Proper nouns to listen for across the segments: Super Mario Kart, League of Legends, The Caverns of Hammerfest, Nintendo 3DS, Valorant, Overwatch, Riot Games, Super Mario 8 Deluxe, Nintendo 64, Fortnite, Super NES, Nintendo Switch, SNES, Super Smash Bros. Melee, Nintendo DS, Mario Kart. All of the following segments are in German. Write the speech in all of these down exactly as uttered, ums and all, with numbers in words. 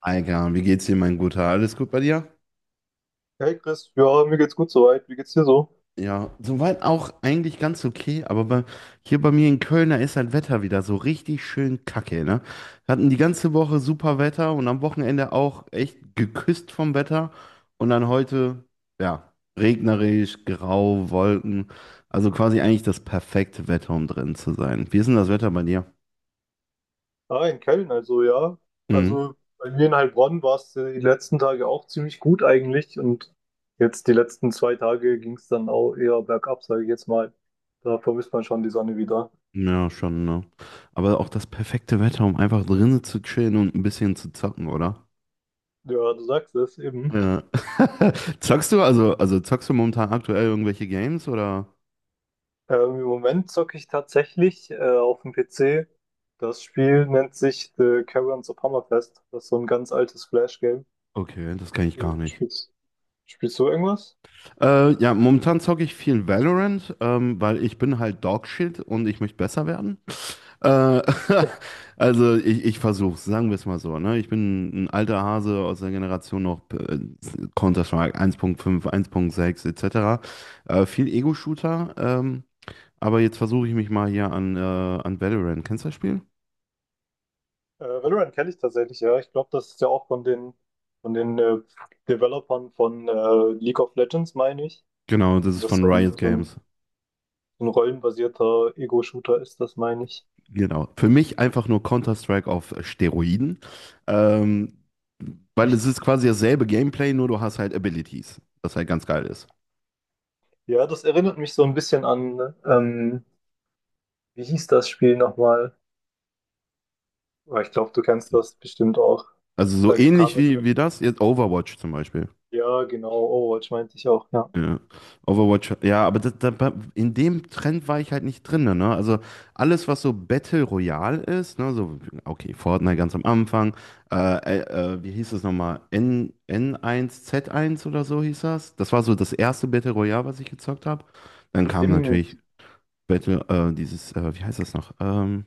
Alter, wie geht's dir, mein Guter? Alles gut bei dir? Hey Chris, ja, mir geht's gut soweit. Wie geht's dir so? Ja, soweit auch eigentlich ganz okay, aber bei, hier bei mir in Köln, da ist das Wetter wieder so richtig schön kacke, ne? Wir hatten die ganze Woche super Wetter und am Wochenende auch echt geküsst vom Wetter und dann heute, ja, regnerisch, grau, Wolken, also quasi eigentlich das perfekte Wetter, um drin zu sein. Wie ist denn das Wetter bei dir? Ah, in Köln, also ja. Mhm. Also bei mir in Heilbronn war es die letzten Tage auch ziemlich gut eigentlich und jetzt die letzten zwei Tage ging's dann auch eher bergab, sage ich jetzt mal. Da vermisst man schon die Sonne wieder. Ja, schon, ne? Aber auch das perfekte Wetter, um einfach drinnen zu chillen und ein bisschen zu zocken, oder? Ja, du sagst es eben. Ja. Zockst du also, also zockst du momentan aktuell irgendwelche Games oder? Ähm, im Moment zocke ich tatsächlich äh, auf dem P C. Das Spiel nennt sich The Caverns of Hammerfest. Das ist so ein ganz altes Flash-Game. Okay, das kann ich Äh, gar nicht. Spielst, spielst du irgendwas? Äh, ja, momentan zocke ich viel Valorant, ähm, weil ich bin halt Dogshit und ich möchte besser werden. Äh, also ich, ich versuche sagen wir es mal so. Ne? Ich bin ein alter Hase aus der Generation noch äh, Counter-Strike eins Punkt fünf, eins Punkt sechs et cetera. Äh, viel Ego-Shooter, ähm, aber jetzt versuche ich mich mal hier an, äh, an Valorant. Kennst du das Spiel? Äh, Valorant kenne ich tatsächlich, ja. Ich glaube, das ist ja auch von den, von den äh, Developern von äh, League of Legends, meine ich. Genau, das Und ist das von so ein, Riot so ein, Games. so ein rollenbasierter Ego-Shooter ist, das meine ich. Genau. Für mich einfach nur Counter-Strike auf äh, Steroiden. Ähm, weil es ist quasi dasselbe Gameplay, nur du hast halt Abilities, das halt ganz geil ist. Ja, das erinnert mich so ein bisschen an, ähm, wie hieß das Spiel nochmal? Aber ich glaube, du kennst das bestimmt auch. Also so Da kam ähnlich jetzt, wie, wie das, jetzt Overwatch zum Beispiel. ja, genau, Overwatch meinte ich auch, ja. Ja. Overwatch, ja, aber das, da, bei- in dem Trend war ich halt nicht drin, ne? Also alles, was so Battle Royale ist, ne, so, okay, Fortnite ganz am Anfang, äh, äh, äh, wie hieß das nochmal? N, n eins z eins oder so hieß das. Das war so das erste Battle Royale, was ich gezockt habe. Dann kam natürlich Stimmt, Battle, äh, dieses, äh, wie heißt das noch? Ähm,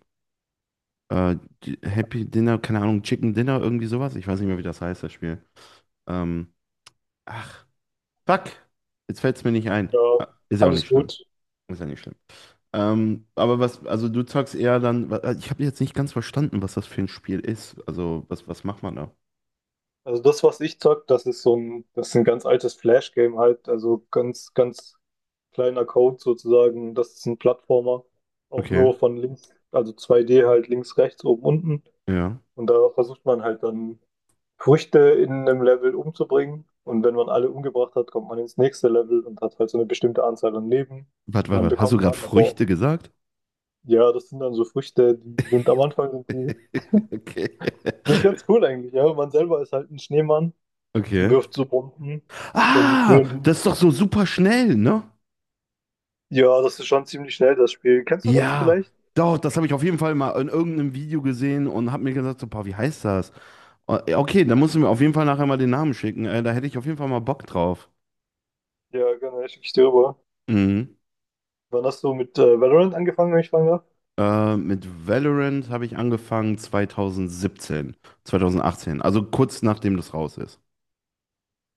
äh, die- Happy Dinner, keine Ahnung, Chicken Dinner, irgendwie sowas. Ich weiß nicht mehr, wie das heißt, das Spiel. Ähm, ach, fuck, jetzt fällt's mir nicht ein. ja, Ah, ist ja auch alles nicht schlimm. gut. Ist ja nicht schlimm. Ähm, aber was, also du sagst eher dann, wa- ich habe jetzt nicht ganz verstanden, was das für ein Spiel ist. Also, was, was macht man da? Also das, was ich zock, das ist so ein, das ist ein ganz altes Flash-Game halt, also ganz, ganz kleiner Code sozusagen. Das ist ein Plattformer, auch Okay, nur von links, also zwei D halt links, rechts, oben, unten. ja. Und da versucht man halt dann Früchte in einem Level umzubringen. Und wenn man alle umgebracht hat, kommt man ins nächste Level und hat halt so eine bestimmte Anzahl an Leben, Warte, die warte, man warte. Hast du bekommen gerade kann. Aber Früchte gesagt? ja, das sind dann so Früchte, die sind am Anfang sind die Okay. sind ganz cool eigentlich, ja. Man selber ist halt ein Schneemann und Okay. wirft so Bomben. Dann Ah, führen. das ist doch so super schnell, ne? Ja, das ist schon ziemlich schnell, das Spiel. Kennst du das Ja, vielleicht? doch, das habe ich auf jeden Fall mal in irgendeinem Video gesehen und habe mir gesagt, so, boah, wie heißt das? O- Okay, dann musst du mir auf jeden Fall nachher mal den Namen schicken. Äh, da hätte ich auf jeden Fall mal Bock drauf. Ja, genau. Schicke ich dir rüber. Mhm. Wann hast du mit äh, Valorant angefangen, wenn ich fragen darf? Äh, mit Valorant habe ich angefangen zwanzig siebzehn, zwanzig achtzehn, also kurz nachdem das raus ist.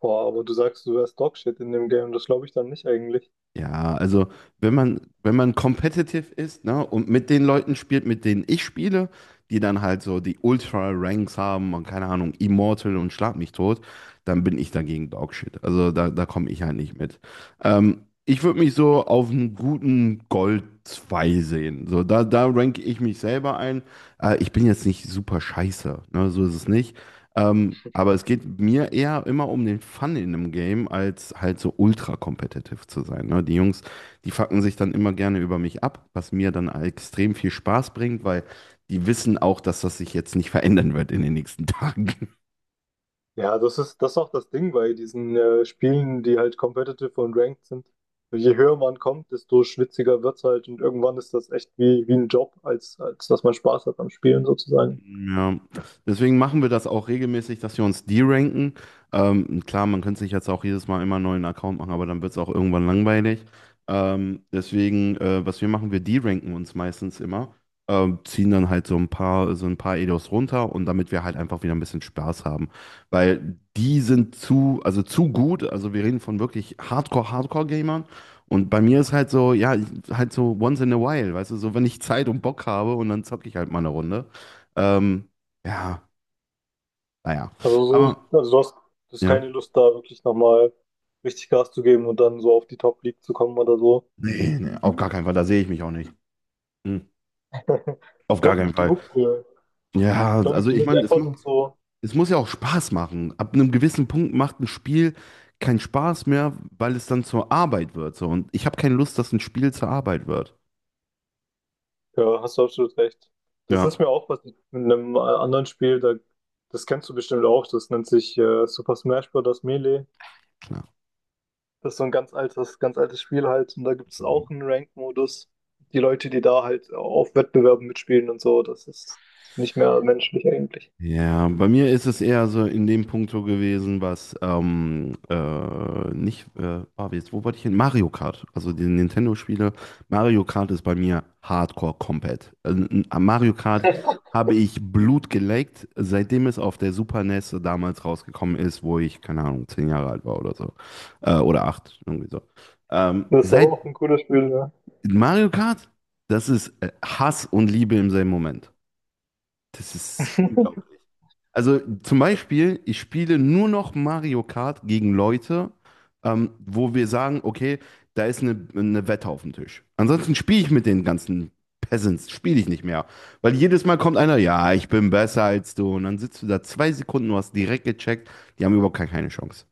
Boah, aber du sagst, du wärst Dogshit in dem Game, das glaube ich dann nicht eigentlich. Ja, also wenn man, wenn man competitive ist, ne, und mit den Leuten spielt, mit denen ich spiele, die dann halt so die Ultra-Ranks haben und keine Ahnung, Immortal und schlag mich tot, dann bin ich dagegen Dogshit. Also da, da komme ich halt nicht mit. Ähm, ich würde mich so auf einen guten Gold zwei sehen. So, da, da ranke ich mich selber ein. Äh, ich bin jetzt nicht super scheiße, ne, so ist es nicht. Ähm, aber es geht mir eher immer um den Fun in einem Game, als halt so ultra kompetitiv zu sein. Ne? Die Jungs, die fucken sich dann immer gerne über mich ab, was mir dann extrem viel Spaß bringt, weil die wissen auch, dass das sich jetzt nicht verändern wird in den nächsten Tagen. Ja, das ist, das ist auch das Ding bei diesen äh, Spielen, die halt competitive und ranked sind. Je höher man kommt, desto schwitziger wird's halt und irgendwann ist das echt wie, wie ein Job, als, als dass man Spaß hat am Spielen sozusagen. Ja, deswegen machen wir das auch regelmäßig, dass wir uns deranken. Ähm, klar, man könnte sich jetzt auch jedes Mal immer einen neuen Account machen, aber dann wird es auch irgendwann langweilig. Ähm, deswegen, äh, was wir machen, wir deranken uns meistens immer, ähm, ziehen dann halt so ein paar, so ein paar Edos runter und damit wir halt einfach wieder ein bisschen Spaß haben. Weil die sind zu, also zu gut, also wir reden von wirklich Hardcore, Hardcore-Gamern. Und bei mir ist halt so, ja, halt so once in a while, weißt du, so wenn ich Zeit und Bock habe und dann zocke ich halt mal eine Runde. Ähm, ja, naja. Also, Aber so, also du hast, du hast ja, keine Lust, da wirklich nochmal richtig Gas zu geben und dann so auf die Top League zu kommen oder so. nee, nee, auf gar keinen Fall, da sehe ich mich auch nicht. Hm. Auf Ich gar glaube, keinen mit Fall. genug, äh, ich Ja, glaube, mit also ich genug meine, es, Effort mu- und so, es muss ja auch Spaß machen. Ab einem gewissen Punkt macht ein Spiel keinen Spaß mehr, weil es dann zur Arbeit wird. So. Und ich habe keine Lust, dass ein Spiel zur Arbeit wird. ja, hast du absolut recht. Das ist Ja, mir auch was mit einem äh, anderen Spiel, da, das kennst du bestimmt auch, das nennt sich äh, Super Smash Bros. Melee. klar. Das ist so ein ganz altes, ganz altes Spiel halt und da gibt es Mhm. auch einen Ranked-Modus. Die Leute, die da halt auf Wettbewerben mitspielen und so, das ist nicht mehr menschlich eigentlich. Ja, bei mir ist es eher so in dem Punkt so gewesen, was ähm, äh, nicht, äh, ah, jetzt, wo wollte ich hin? Mario Kart. Also die Nintendo-Spiele. Mario Kart ist bei mir Hardcore komplett. Äh, n- Am Mario Kart habe ich Blut geleckt, seitdem es auf der Super N E S damals rausgekommen ist, wo ich, keine Ahnung, zehn Jahre alt war oder so. Äh, oder acht, irgendwie so. Ähm, Das ist seit auch ein cooles Spiel, ja. Mario Kart, das ist äh, Hass und Liebe im selben Moment. Das ist unglaublich. Also zum Beispiel, ich spiele nur noch Mario Kart gegen Leute, ähm, wo wir sagen, okay, da ist eine, eine Wette auf dem Tisch. Ansonsten spiele ich mit den ganzen Peasants, spiele ich nicht mehr. Weil jedes Mal kommt einer, ja, ich bin besser als du. Und dann sitzt du da zwei Sekunden, du hast direkt gecheckt, die haben überhaupt gar keine Chance.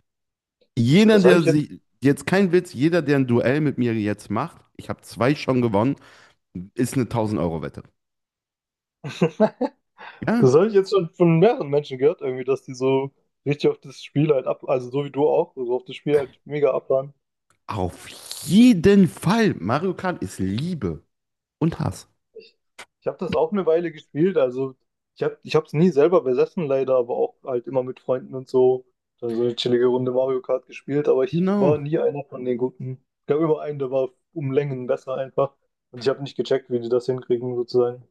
Jeder, Das habe der ich jetzt, sich, jetzt kein Witz, jeder, der ein Duell mit mir jetzt macht, ich habe zwei schon gewonnen, ist eine tausend Euro Wette. Ja, das habe ich jetzt schon von mehreren Menschen gehört, irgendwie, dass die so richtig auf das Spiel halt ab, also so wie du auch, so auf das Spiel halt mega abfahren. auf jeden Fall. Mario Kart ist Liebe und Hass. Ich, ich habe das auch eine Weile gespielt, also ich habe, ich habe es nie selber besessen leider, aber auch halt immer mit Freunden und so, dann so eine chillige Runde Mario Kart gespielt, aber ich war Genau. nie einer von den Guten. Ich gab immer einen, der war um Längen besser einfach und ich habe nicht gecheckt, wie die das hinkriegen sozusagen.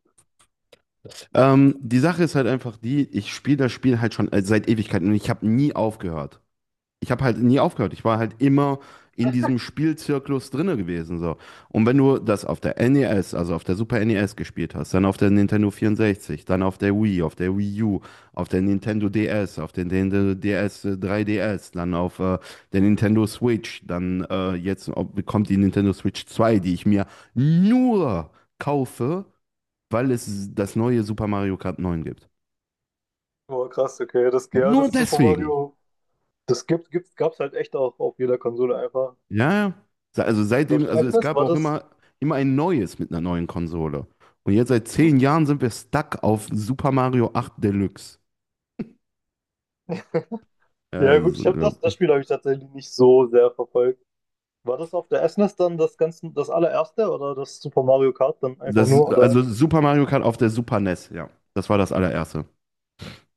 Ähm, die Sache ist halt einfach die, ich spiele das Spiel halt schon äh, seit Ewigkeiten und ich habe nie aufgehört. Ich habe halt nie aufgehört. Ich war halt immer in diesem Spielzyklus drinne gewesen, so. Und wenn du das auf der N E S, also auf der Super N E S gespielt hast, dann auf der Nintendo vierundsechzig, dann auf der Wii, auf der Wii U, auf der Nintendo D S, auf der Nintendo D S äh, drei D S, dann auf äh, der Nintendo Switch, dann äh, jetzt ob- kommt die Nintendo Switch zwei, die ich mir nur kaufe, weil es das neue Super Mario Kart neun gibt. Boah, krass, okay, das, ja, Nur das Super deswegen. Mario, das gibt, gibt, gab's halt echt auch auf jeder Konsole einfach. Ja, ja. Se- Also Und auf seitdem, der also es Essenes, gab war auch das? immer, immer ein neues mit einer neuen Konsole. Und jetzt seit zehn Jahren sind wir stuck auf Super Mario acht Deluxe. Ja, Ja das gut, ist ich habe das, das unglaublich. Spiel habe ich tatsächlich nicht so sehr verfolgt. War das auf der S N E S dann das ganze, das allererste oder das Super Mario Kart dann einfach Das, nur? Oder? also Super Mario Kart auf der Super N E S, ja. Das war das allererste.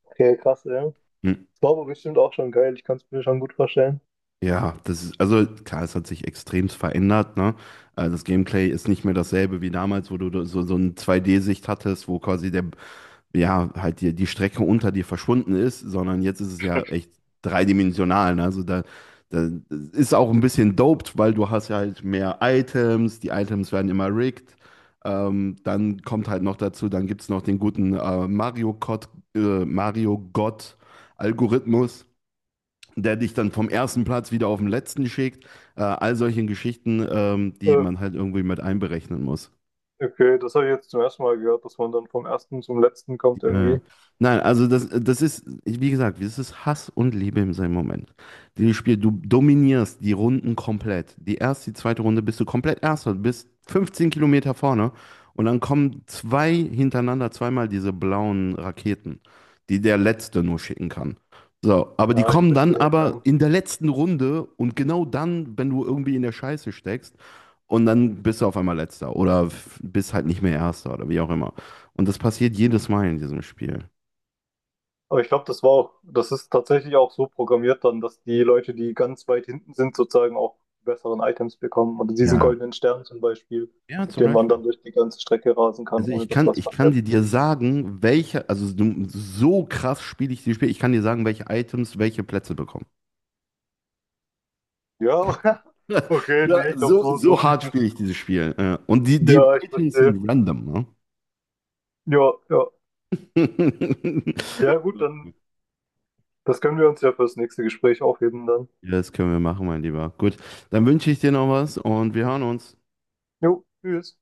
Okay, krass, ja. Das Hm. war aber bestimmt auch schon geil, ich kann es mir schon gut vorstellen. Ja, das ist, also klar, es hat sich extremst verändert, ne? Also das Gameplay ist nicht mehr dasselbe wie damals, wo du so, so eine zwei D-Sicht hattest, wo quasi der, ja, halt die, die Strecke unter dir verschwunden ist, sondern jetzt ist es ja echt dreidimensional. Ne? Also da, da das ist auch ein bisschen doped, weil du hast ja halt mehr Items, die Items werden immer rigged. Ähm, dann kommt halt noch dazu, dann gibt es noch den guten äh, Mario Gott, äh, Mario Gott Algorithmus, der dich dann vom ersten Platz wieder auf den letzten schickt. Äh, all solche Geschichten, ähm, die Äh, man halt irgendwie mit einberechnen muss. okay, das habe ich jetzt zum ersten Mal gehört, dass man dann vom ersten zum letzten kommt Ja, ja. irgendwie. Nein, also das, das ist, wie gesagt, das ist Hass und Liebe in seinem Moment. Dieses Spiel, du dominierst die Runden komplett. Die erste, die zweite Runde bist du komplett Erster, du bist fünfzehn Kilometer vorne und dann kommen zwei hintereinander, zweimal diese blauen Raketen, die der Letzte nur schicken kann. So, aber die Ja, ich kommen dann verstehe, aber ja. in der letzten Runde und genau dann, wenn du irgendwie in der Scheiße steckst, und dann bist du auf einmal Letzter oder f- bist halt nicht mehr Erster oder wie auch immer. Und das passiert jedes Mal in diesem Spiel. Aber ich glaube, das war auch, das ist tatsächlich auch so programmiert dann, dass die Leute, die ganz weit hinten sind, sozusagen auch die besseren Items bekommen. Oder diesen Ja. goldenen Stern zum Beispiel, Ja, mit zum dem man Beispiel. dann durch die ganze Strecke rasen kann, Also ohne ich dass kann, was ich kann verliert. dir, dir sagen, welche, also du- so krass spiele ich dieses Spiel, ich kann dir sagen, welche Items welche Plätze bekommen. Ja, okay, Ja, nee, ich glaube, so, so, so so tief hart spiele ich ist. dieses Spiel. Ja. Und die, die Ja, ich Items verstehe. sind random, ne? Ja, ja. Ja, gut, dann, das können wir uns ja fürs nächste Gespräch aufheben dann. Ja, das können wir machen, mein Lieber. Gut, dann wünsche ich dir noch was und wir hören uns. Jo, tschüss.